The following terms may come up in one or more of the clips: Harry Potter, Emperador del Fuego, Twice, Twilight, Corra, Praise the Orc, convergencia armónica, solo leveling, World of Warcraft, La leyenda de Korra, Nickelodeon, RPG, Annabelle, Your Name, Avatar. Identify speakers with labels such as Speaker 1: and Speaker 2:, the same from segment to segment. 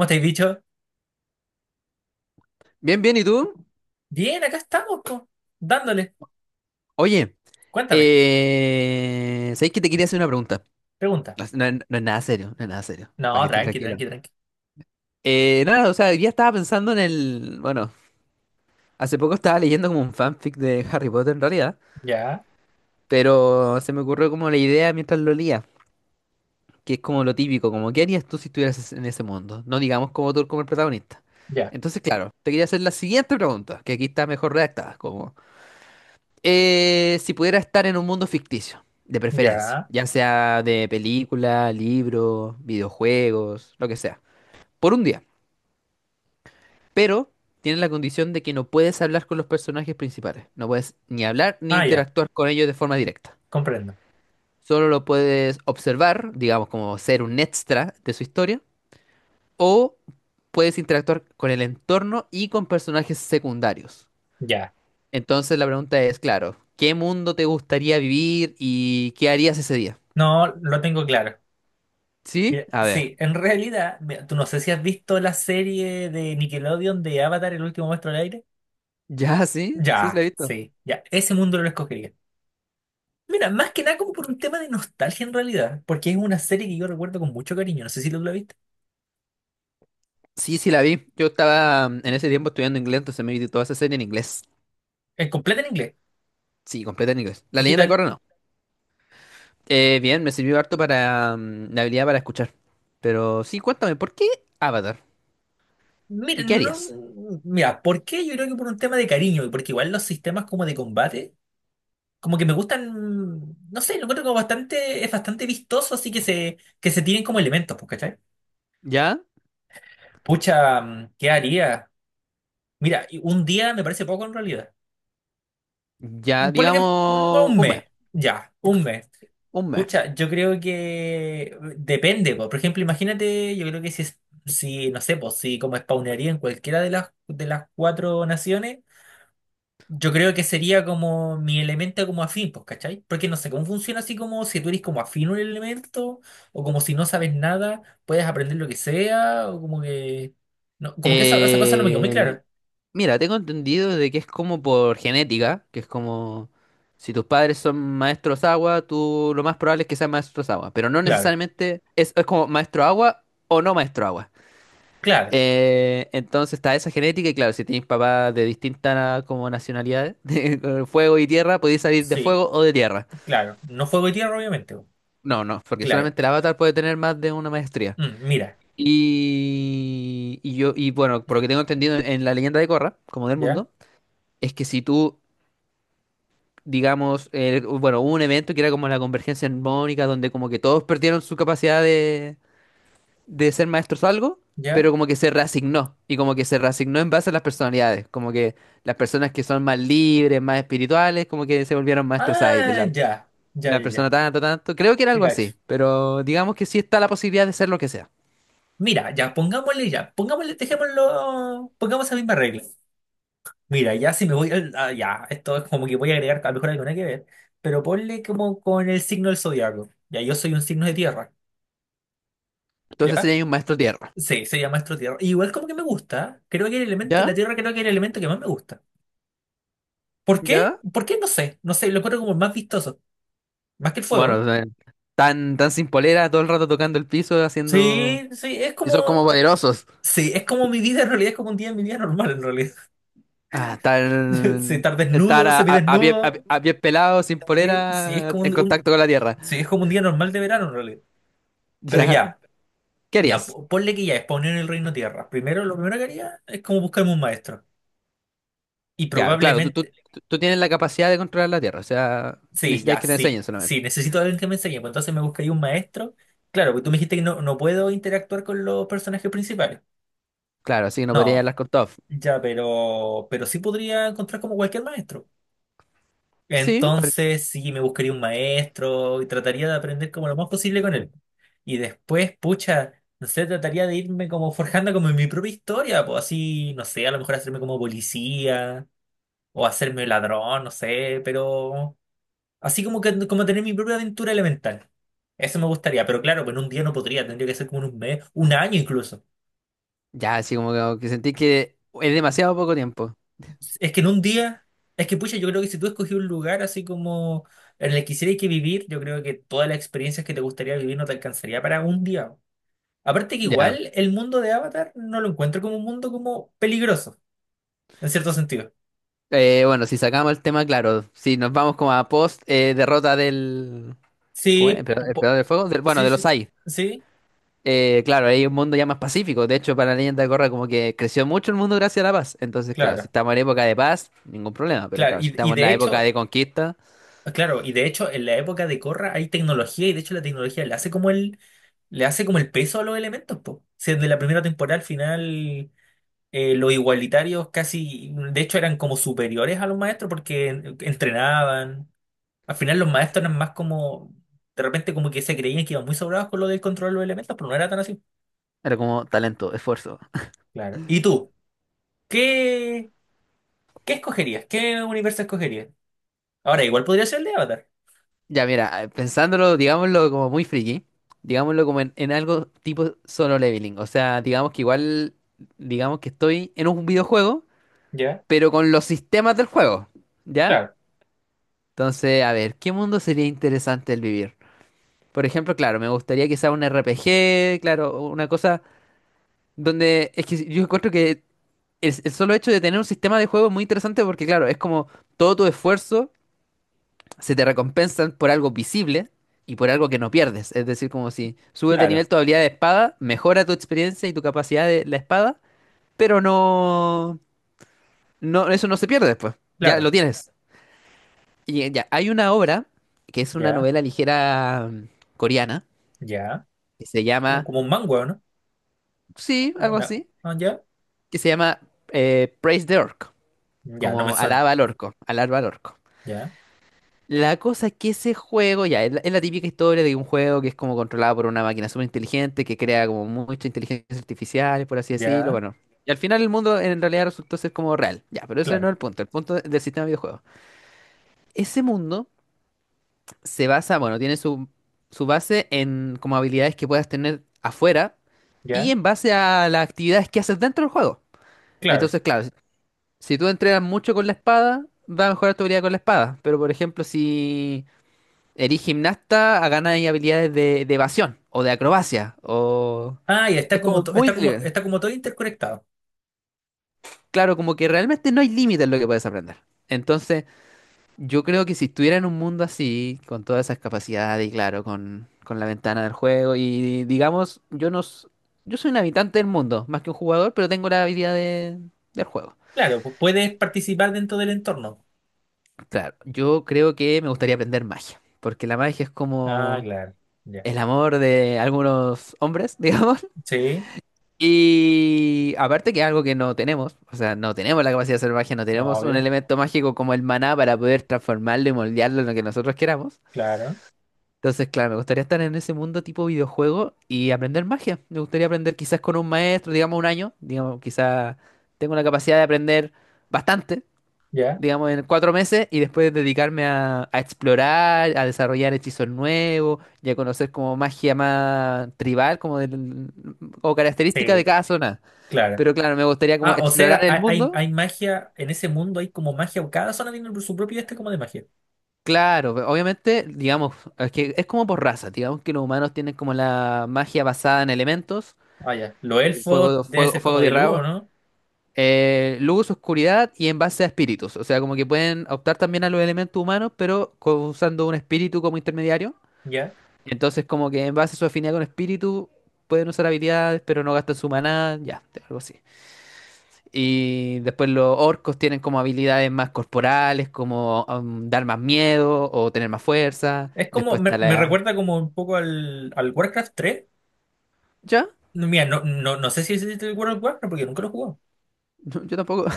Speaker 1: ¿Cómo estáis dicho?
Speaker 2: Bien, bien, ¿y tú?
Speaker 1: Bien, acá estamos, po, dándole.
Speaker 2: Oye,
Speaker 1: Cuéntame,
Speaker 2: ¿sabes que te quería hacer una pregunta?
Speaker 1: pregunta.
Speaker 2: No, es no- no es nada serio, no es nada serio, para
Speaker 1: No,
Speaker 2: que estés
Speaker 1: tranqui,
Speaker 2: tranquilo.
Speaker 1: tranqui, tranqui.
Speaker 2: Nada, o sea, hoy día estaba pensando en el... Bueno, hace poco estaba leyendo como un fanfic de Harry Potter en realidad,
Speaker 1: Ya,
Speaker 2: pero se me ocurrió como la idea mientras lo leía, que es como lo típico, como ¿qué harías tú si en ese mundo? No digamos como tú como el protagonista.
Speaker 1: ya,
Speaker 2: Entonces, claro, te quería hacer la siguiente pregunta, que aquí está mejor redactada, como... Si pudiera estar en un mundo ficticio, de preferencia,
Speaker 1: ya.
Speaker 2: ya sea de película, libro, videojuegos, lo que sea, por un día. Pero tiene la condición de que no puedes hablar con los personajes principales, no puedes ni hablar ni
Speaker 1: Ah, ya,
Speaker 2: interactuar con ellos de forma directa.
Speaker 1: comprendo.
Speaker 2: Solo lo puedes observar, digamos, como ser un extra de su historia, o puedes interactuar con el entorno y con personajes secundarios.
Speaker 1: Ya.
Speaker 2: Entonces la pregunta es, claro, ¿qué mundo te gustaría vivir y qué harías ese día?
Speaker 1: No, lo tengo claro.
Speaker 2: Sí,
Speaker 1: Mira,
Speaker 2: a ver.
Speaker 1: sí, en realidad, mira, tú no sé si has visto la serie de Nickelodeon de Avatar, el último maestro del aire.
Speaker 2: Ya, sí, sí
Speaker 1: Ya,
Speaker 2: la he visto.
Speaker 1: sí, ya. Ese mundo lo escogería. Mira, más que nada como por un tema de nostalgia en realidad, porque es una serie que yo recuerdo con mucho cariño. No sé si tú la viste.
Speaker 2: Sí, sí la vi. Yo estaba en ese tiempo estudiando inglés, entonces me vi toda esa serie en inglés.
Speaker 1: Es completa en inglés.
Speaker 2: Sí, completa en inglés. La
Speaker 1: ¿Y qué
Speaker 2: leyenda de
Speaker 1: tal?
Speaker 2: Korra no. Bien, me sirvió harto para la habilidad para escuchar. Pero sí, cuéntame, ¿por qué Avatar?
Speaker 1: Mira,
Speaker 2: ¿Y qué harías?
Speaker 1: no, mira, ¿por qué? Yo creo que por un tema de cariño, y porque igual los sistemas como de combate, como que me gustan, no sé, lo encuentro como bastante, es bastante vistoso, así que se tienen como elementos, pues, ¿cachai?
Speaker 2: ¿Ya?
Speaker 1: Pucha, ¿qué haría? Mira, y un día me parece poco en realidad.
Speaker 2: Ya,
Speaker 1: Ponle que
Speaker 2: digamos,
Speaker 1: un
Speaker 2: un mes.
Speaker 1: mes, ya, un mes.
Speaker 2: Un mes.
Speaker 1: Pucha, yo creo que depende, po. Por ejemplo, imagínate, yo creo que si, si no sé, pues, si como spawnearía en cualquiera de las, cuatro naciones. Yo creo que sería como mi elemento como afín, pues, ¿cachai? Porque no sé cómo funciona así como si tú eres como afín a un elemento, o como si no sabes nada, puedes aprender lo que sea, o como que. No, como que esa cosa no me quedó muy
Speaker 2: Eh,
Speaker 1: clara.
Speaker 2: Mira, tengo entendido de que es como por genética, que es como si tus padres son maestros agua, tú lo más probable es que seas maestros agua, pero no
Speaker 1: Claro,
Speaker 2: necesariamente es como maestro agua o no maestro agua.
Speaker 1: claro,
Speaker 2: Entonces está esa genética y claro, si tienes papás de distintas como nacionalidades, de fuego y tierra, podéis salir de
Speaker 1: sí,
Speaker 2: fuego o de tierra.
Speaker 1: claro. No fuego y tierra, obviamente. Po.
Speaker 2: No, no, porque
Speaker 1: Claro.
Speaker 2: solamente el avatar puede tener más de una maestría.
Speaker 1: Mira,
Speaker 2: Y yo, y bueno, por lo que tengo entendido en la leyenda de Korra, como del
Speaker 1: ya,
Speaker 2: mundo, es que si tú digamos, el- bueno, hubo un evento que era como la convergencia armónica, donde como que todos perdieron su capacidad de ser maestros o algo,
Speaker 1: ya.
Speaker 2: pero como que se reasignó, y como que se reasignó en base a las personalidades, como que las personas que son más libres, más espirituales, como que se volvieron maestros aire,
Speaker 1: Ah,
Speaker 2: la,
Speaker 1: ya, ya, ya,
Speaker 2: la persona
Speaker 1: ya.
Speaker 2: tanto, creo que era
Speaker 1: Te
Speaker 2: algo así,
Speaker 1: cacho.
Speaker 2: pero digamos que sí está la posibilidad de ser lo que sea.
Speaker 1: Mira, ya, pongámosle, dejémoslo, pongamos esa misma regla. Mira, ya si me voy ah, ya, esto es como que voy a agregar, a lo mejor algo nada que ver, pero ponle como con el signo del zodiaco. Ya, yo soy un signo de tierra,
Speaker 2: Entonces
Speaker 1: ¿ya?
Speaker 2: sería un maestro tierra.
Speaker 1: Sí, se llama astro tierra. Igual como que me gusta, creo que el elemento, la
Speaker 2: ¿Ya?
Speaker 1: tierra creo que es el elemento que más me gusta. ¿Por qué?
Speaker 2: ¿Ya?
Speaker 1: ¿Por qué? No sé, no sé, lo encuentro como el más vistoso, más que el fuego.
Speaker 2: Bueno, tan sin polera, todo el rato tocando el piso, haciendo...
Speaker 1: Sí,
Speaker 2: Y son como poderosos.
Speaker 1: sí, es como mi vida en realidad, es como un día en mi vida normal en realidad.
Speaker 2: Ah,
Speaker 1: Sí, estar
Speaker 2: estar
Speaker 1: desnudo,
Speaker 2: a pie,
Speaker 1: semidesnudo,
Speaker 2: a pie pelado, sin
Speaker 1: sí, es
Speaker 2: polera,
Speaker 1: como
Speaker 2: en
Speaker 1: un,
Speaker 2: contacto con la Tierra.
Speaker 1: sí, es como un día normal de verano en realidad. Pero
Speaker 2: Ya,
Speaker 1: ya.
Speaker 2: ¿qué
Speaker 1: Ya,
Speaker 2: harías?
Speaker 1: po- ponle que ya es poner el reino tierra. Primero, lo primero que haría es como buscarme un maestro. Y
Speaker 2: Ya, claro,
Speaker 1: probablemente,
Speaker 2: tú tienes la capacidad de controlar la Tierra, o sea,
Speaker 1: sí,
Speaker 2: necesitas
Speaker 1: ya,
Speaker 2: que te
Speaker 1: sí,
Speaker 2: enseñen solamente.
Speaker 1: sí, necesito a alguien que me enseñe. Pues entonces me buscaría un maestro. Claro, porque tú me dijiste que no puedo interactuar con los personajes principales.
Speaker 2: Claro, así que no podrías
Speaker 1: No,
Speaker 2: hablar con todos.
Speaker 1: ya, pero sí podría encontrar como cualquier maestro.
Speaker 2: Sí, ahor-
Speaker 1: Entonces, sí, me buscaría un maestro y trataría de aprender como lo más posible con él. Y después, pucha, no sé, trataría de irme como forjando como en mi propia historia, pues así, no sé, a lo mejor hacerme como policía o hacerme ladrón, no sé, pero así como que como tener mi propia aventura elemental. Eso me gustaría, pero claro, pues en un día no podría, tendría que ser como en un mes, un año incluso.
Speaker 2: ya, así como que sentí que es demasiado poco tiempo.
Speaker 1: Es que en un día, es que pucha, yo creo que si tú escogí un lugar así como en el que quisieras que vivir, yo creo que todas las experiencias que te gustaría vivir no te alcanzaría para un día. Aparte que
Speaker 2: Ya.
Speaker 1: igual el mundo de Avatar no lo encuentro como un mundo como peligroso, en cierto sentido.
Speaker 2: Bueno, si sacamos el tema, claro, si nos vamos como a post derrota del... ¿Cómo era?
Speaker 1: Sí,
Speaker 2: ¿Emperador, Emperador del Fuego? Bueno,
Speaker 1: sí,
Speaker 2: de
Speaker 1: sí,
Speaker 2: los AI.
Speaker 1: sí,
Speaker 2: Claro, hay un mundo ya más pacífico. De hecho, para la leyenda de Korra como que creció mucho el mundo gracias a la paz. Entonces, claro, si
Speaker 1: claro,
Speaker 2: estamos en época de paz, ningún problema. Pero
Speaker 1: claro.
Speaker 2: claro, si
Speaker 1: Y
Speaker 2: estamos en
Speaker 1: de
Speaker 2: la época
Speaker 1: hecho,
Speaker 2: de conquista,
Speaker 1: ah, claro, y de hecho en la época de Corra hay tecnología y de hecho la tecnología le hace como el peso a los elementos, po. Si desde la primera temporada al final los igualitarios casi, de hecho eran como superiores a los maestros porque entrenaban. Al final los maestros eran más como, de repente como que se creían que iban muy sobrados con lo del control de los elementos, pero no era tan así.
Speaker 2: era como talento, esfuerzo.
Speaker 1: Claro. ¿Y tú? ¿Qué, qué escogerías? ¿Qué universo escogerías? Ahora, igual podría ser el de Avatar.
Speaker 2: Ya, mira, pensándolo, digámoslo como muy friki, digámoslo como en algo tipo solo leveling. O sea, digamos que igual, digamos que estoy en un videojuego,
Speaker 1: Ya,
Speaker 2: pero con los sistemas del juego, ¿ya?
Speaker 1: claro,
Speaker 2: Entonces, a ver, ¿qué mundo sería interesante el vivir? Por ejemplo, claro, me gustaría que sea un RPG, claro, una cosa. Donde es que yo encuentro que el solo hecho de tener un sistema de juego es muy interesante porque, claro, es como todo tu esfuerzo se te recompensan por algo visible y por algo que no pierdes. Es decir, como si subes de
Speaker 1: claro,
Speaker 2: nivel tu habilidad de espada, mejora tu experiencia y tu capacidad de la espada, pero no, eso no se pierde después. Ya
Speaker 1: claro,
Speaker 2: lo tienes. Y ya, hay una obra que es una
Speaker 1: ya,
Speaker 2: novela ligera coreana
Speaker 1: ya.
Speaker 2: que se llama,
Speaker 1: Como un mango, ¿no?
Speaker 2: sí,
Speaker 1: O
Speaker 2: algo así,
Speaker 1: ah, ya,
Speaker 2: que se llama Praise the Orc.
Speaker 1: ya, no me
Speaker 2: Como
Speaker 1: suena.
Speaker 2: alaba al orco, alaba al orco.
Speaker 1: Ya,
Speaker 2: La cosa es que ese juego, ya, es es la típica historia de un juego que es como controlado por una máquina súper inteligente que crea como mucha inteligencia artificial, por así decirlo,
Speaker 1: ya,
Speaker 2: bueno. Y al final el mundo en realidad resultó ser como real. Ya, pero ese no
Speaker 1: claro,
Speaker 2: es el punto del sistema de videojuegos. Ese mundo se basa, bueno, tiene su base en como habilidades que puedas tener afuera y
Speaker 1: ya,
Speaker 2: en base a las actividades que haces dentro del juego.
Speaker 1: claro.
Speaker 2: Entonces, claro, si tú entrenas mucho con la espada, va a mejorar tu habilidad con la espada. Pero, por ejemplo, si eres gimnasta, a ganas habilidades de evasión o de acrobacia. O...
Speaker 1: Ah, ya está
Speaker 2: Es
Speaker 1: como,
Speaker 2: como muy
Speaker 1: está como,
Speaker 2: libre.
Speaker 1: está como todo interconectado.
Speaker 2: Claro, como que realmente no hay límite en lo que puedes aprender. Entonces, yo creo que si estuviera en un mundo así, con todas esas capacidades y claro, con la ventana del juego y digamos, yo no... s- yo soy un habitante del mundo, más que un jugador, pero tengo la habilidad del juego.
Speaker 1: Claro, pu- puedes participar dentro del entorno.
Speaker 2: Claro, yo creo que me gustaría aprender magia, porque la magia es
Speaker 1: Ah,
Speaker 2: como
Speaker 1: claro, ya.
Speaker 2: el amor de algunos hombres, digamos.
Speaker 1: Sí,
Speaker 2: Y aparte que es algo que no tenemos, o sea, no tenemos la capacidad de hacer magia, no
Speaker 1: no,
Speaker 2: tenemos un
Speaker 1: obvio,
Speaker 2: elemento mágico como el maná para poder transformarlo y moldearlo en lo que nosotros queramos.
Speaker 1: claro,
Speaker 2: Entonces, claro, me gustaría estar en ese mundo tipo videojuego y aprender magia. Me gustaría aprender quizás con un maestro, digamos un año, digamos, quizás tengo la capacidad de aprender bastante
Speaker 1: ya,
Speaker 2: digamos, en cuatro meses y después dedicarme a explorar, a desarrollar hechizos nuevos y a conocer como magia más tribal, o característica de
Speaker 1: sí,
Speaker 2: cada zona.
Speaker 1: claro.
Speaker 2: Pero claro, me gustaría como
Speaker 1: Ah, o
Speaker 2: explorar
Speaker 1: sea,
Speaker 2: el
Speaker 1: hay, hay,
Speaker 2: mundo.
Speaker 1: hay magia en ese mundo, hay como magia, cada zona tiene su propio este como de magia.
Speaker 2: Claro, obviamente, digamos, es que es como por raza, digamos que los humanos tienen como la magia basada en elementos,
Speaker 1: Ah, ya. Los elfos debe ser
Speaker 2: fuego,
Speaker 1: como de
Speaker 2: tierra,
Speaker 1: lujo,
Speaker 2: agua,
Speaker 1: ¿no?
Speaker 2: luz, oscuridad y en base a espíritus. O sea, como que pueden optar también a los elementos humanos, pero usando un espíritu como intermediario.
Speaker 1: Ya.
Speaker 2: Entonces, como que en base a su afinidad con espíritu, pueden usar habilidades, pero no gastan su maná, ya, algo así. Y después los orcos tienen como habilidades más corporales, como dar más miedo o tener más fuerza.
Speaker 1: Es como,
Speaker 2: Después está
Speaker 1: me
Speaker 2: la...
Speaker 1: recuerda como un poco al Warcraft 3.
Speaker 2: ¿Ya?
Speaker 1: No, mira, no, no, no sé si es el World of Warcraft porque nunca lo jugó.
Speaker 2: No, yo tampoco.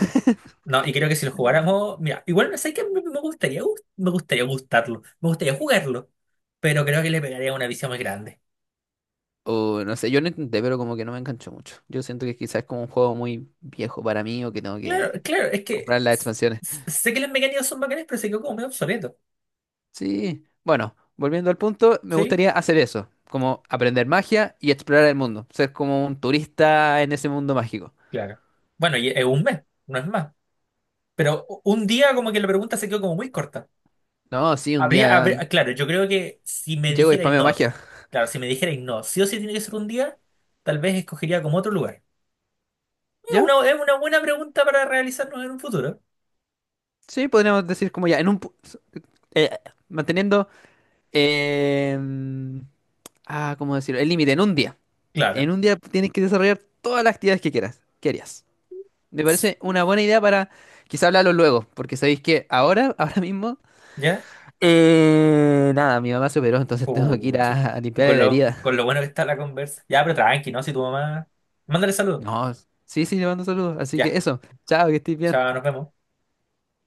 Speaker 1: No, y creo que si lo jugáramos, mira, igual no sé que me gustaría, me gustaría gustarlo, me gustaría jugarlo, pero creo que le pegaría una visión más grande.
Speaker 2: O no sé, yo no intenté, pero como que no me enganchó mucho. Yo siento que quizás es como un juego muy viejo para mí o que tengo que
Speaker 1: Claro, claro, es que
Speaker 2: comprar la expansión.
Speaker 1: sé que las mecánicas son bacanas, pero se quedó como medio obsoleto,
Speaker 2: Sí, bueno, volviendo al punto, me
Speaker 1: ¿sí?
Speaker 2: gustaría hacer eso, como aprender magia y explorar el mundo, ser como un turista en ese mundo mágico.
Speaker 1: Claro. Bueno, y es un mes, no es más. Pero u- un día como que la pregunta se quedó como muy corta.
Speaker 2: No, sí, un
Speaker 1: Habría,
Speaker 2: día
Speaker 1: claro, yo creo que si me
Speaker 2: llego y
Speaker 1: dijerais
Speaker 2: spameo
Speaker 1: no,
Speaker 2: magia.
Speaker 1: claro, si me dijerais no, sí o sí tiene que ser un día, tal vez escogería como otro lugar.
Speaker 2: ¿Ya?
Speaker 1: Es una buena pregunta para realizarnos en un futuro.
Speaker 2: Sí, podríamos decir como ya, eh, manteniendo... em, ¿cómo decirlo? El límite, en un día.
Speaker 1: Claro.
Speaker 2: En un día tienes que desarrollar todas las actividades que quieras, que harías. Me parece una buena idea para quizá hablarlo luego, porque sabéis que ahora, ahora mismo,
Speaker 1: ¿Ya?
Speaker 2: Nada, mi mamá se operó, entonces tengo que ir
Speaker 1: Puchi.
Speaker 2: a
Speaker 1: Y
Speaker 2: limpiarle
Speaker 1: con
Speaker 2: la
Speaker 1: lo,
Speaker 2: herida.
Speaker 1: con lo bueno que está la conversa. Ya, pero tranqui, ¿no? Si tu mamá. Mándale saludos.
Speaker 2: No, sí, sí, le mando saludos. Así que
Speaker 1: Ya.
Speaker 2: eso, chao, que estés bien.
Speaker 1: Chao, nos vemos.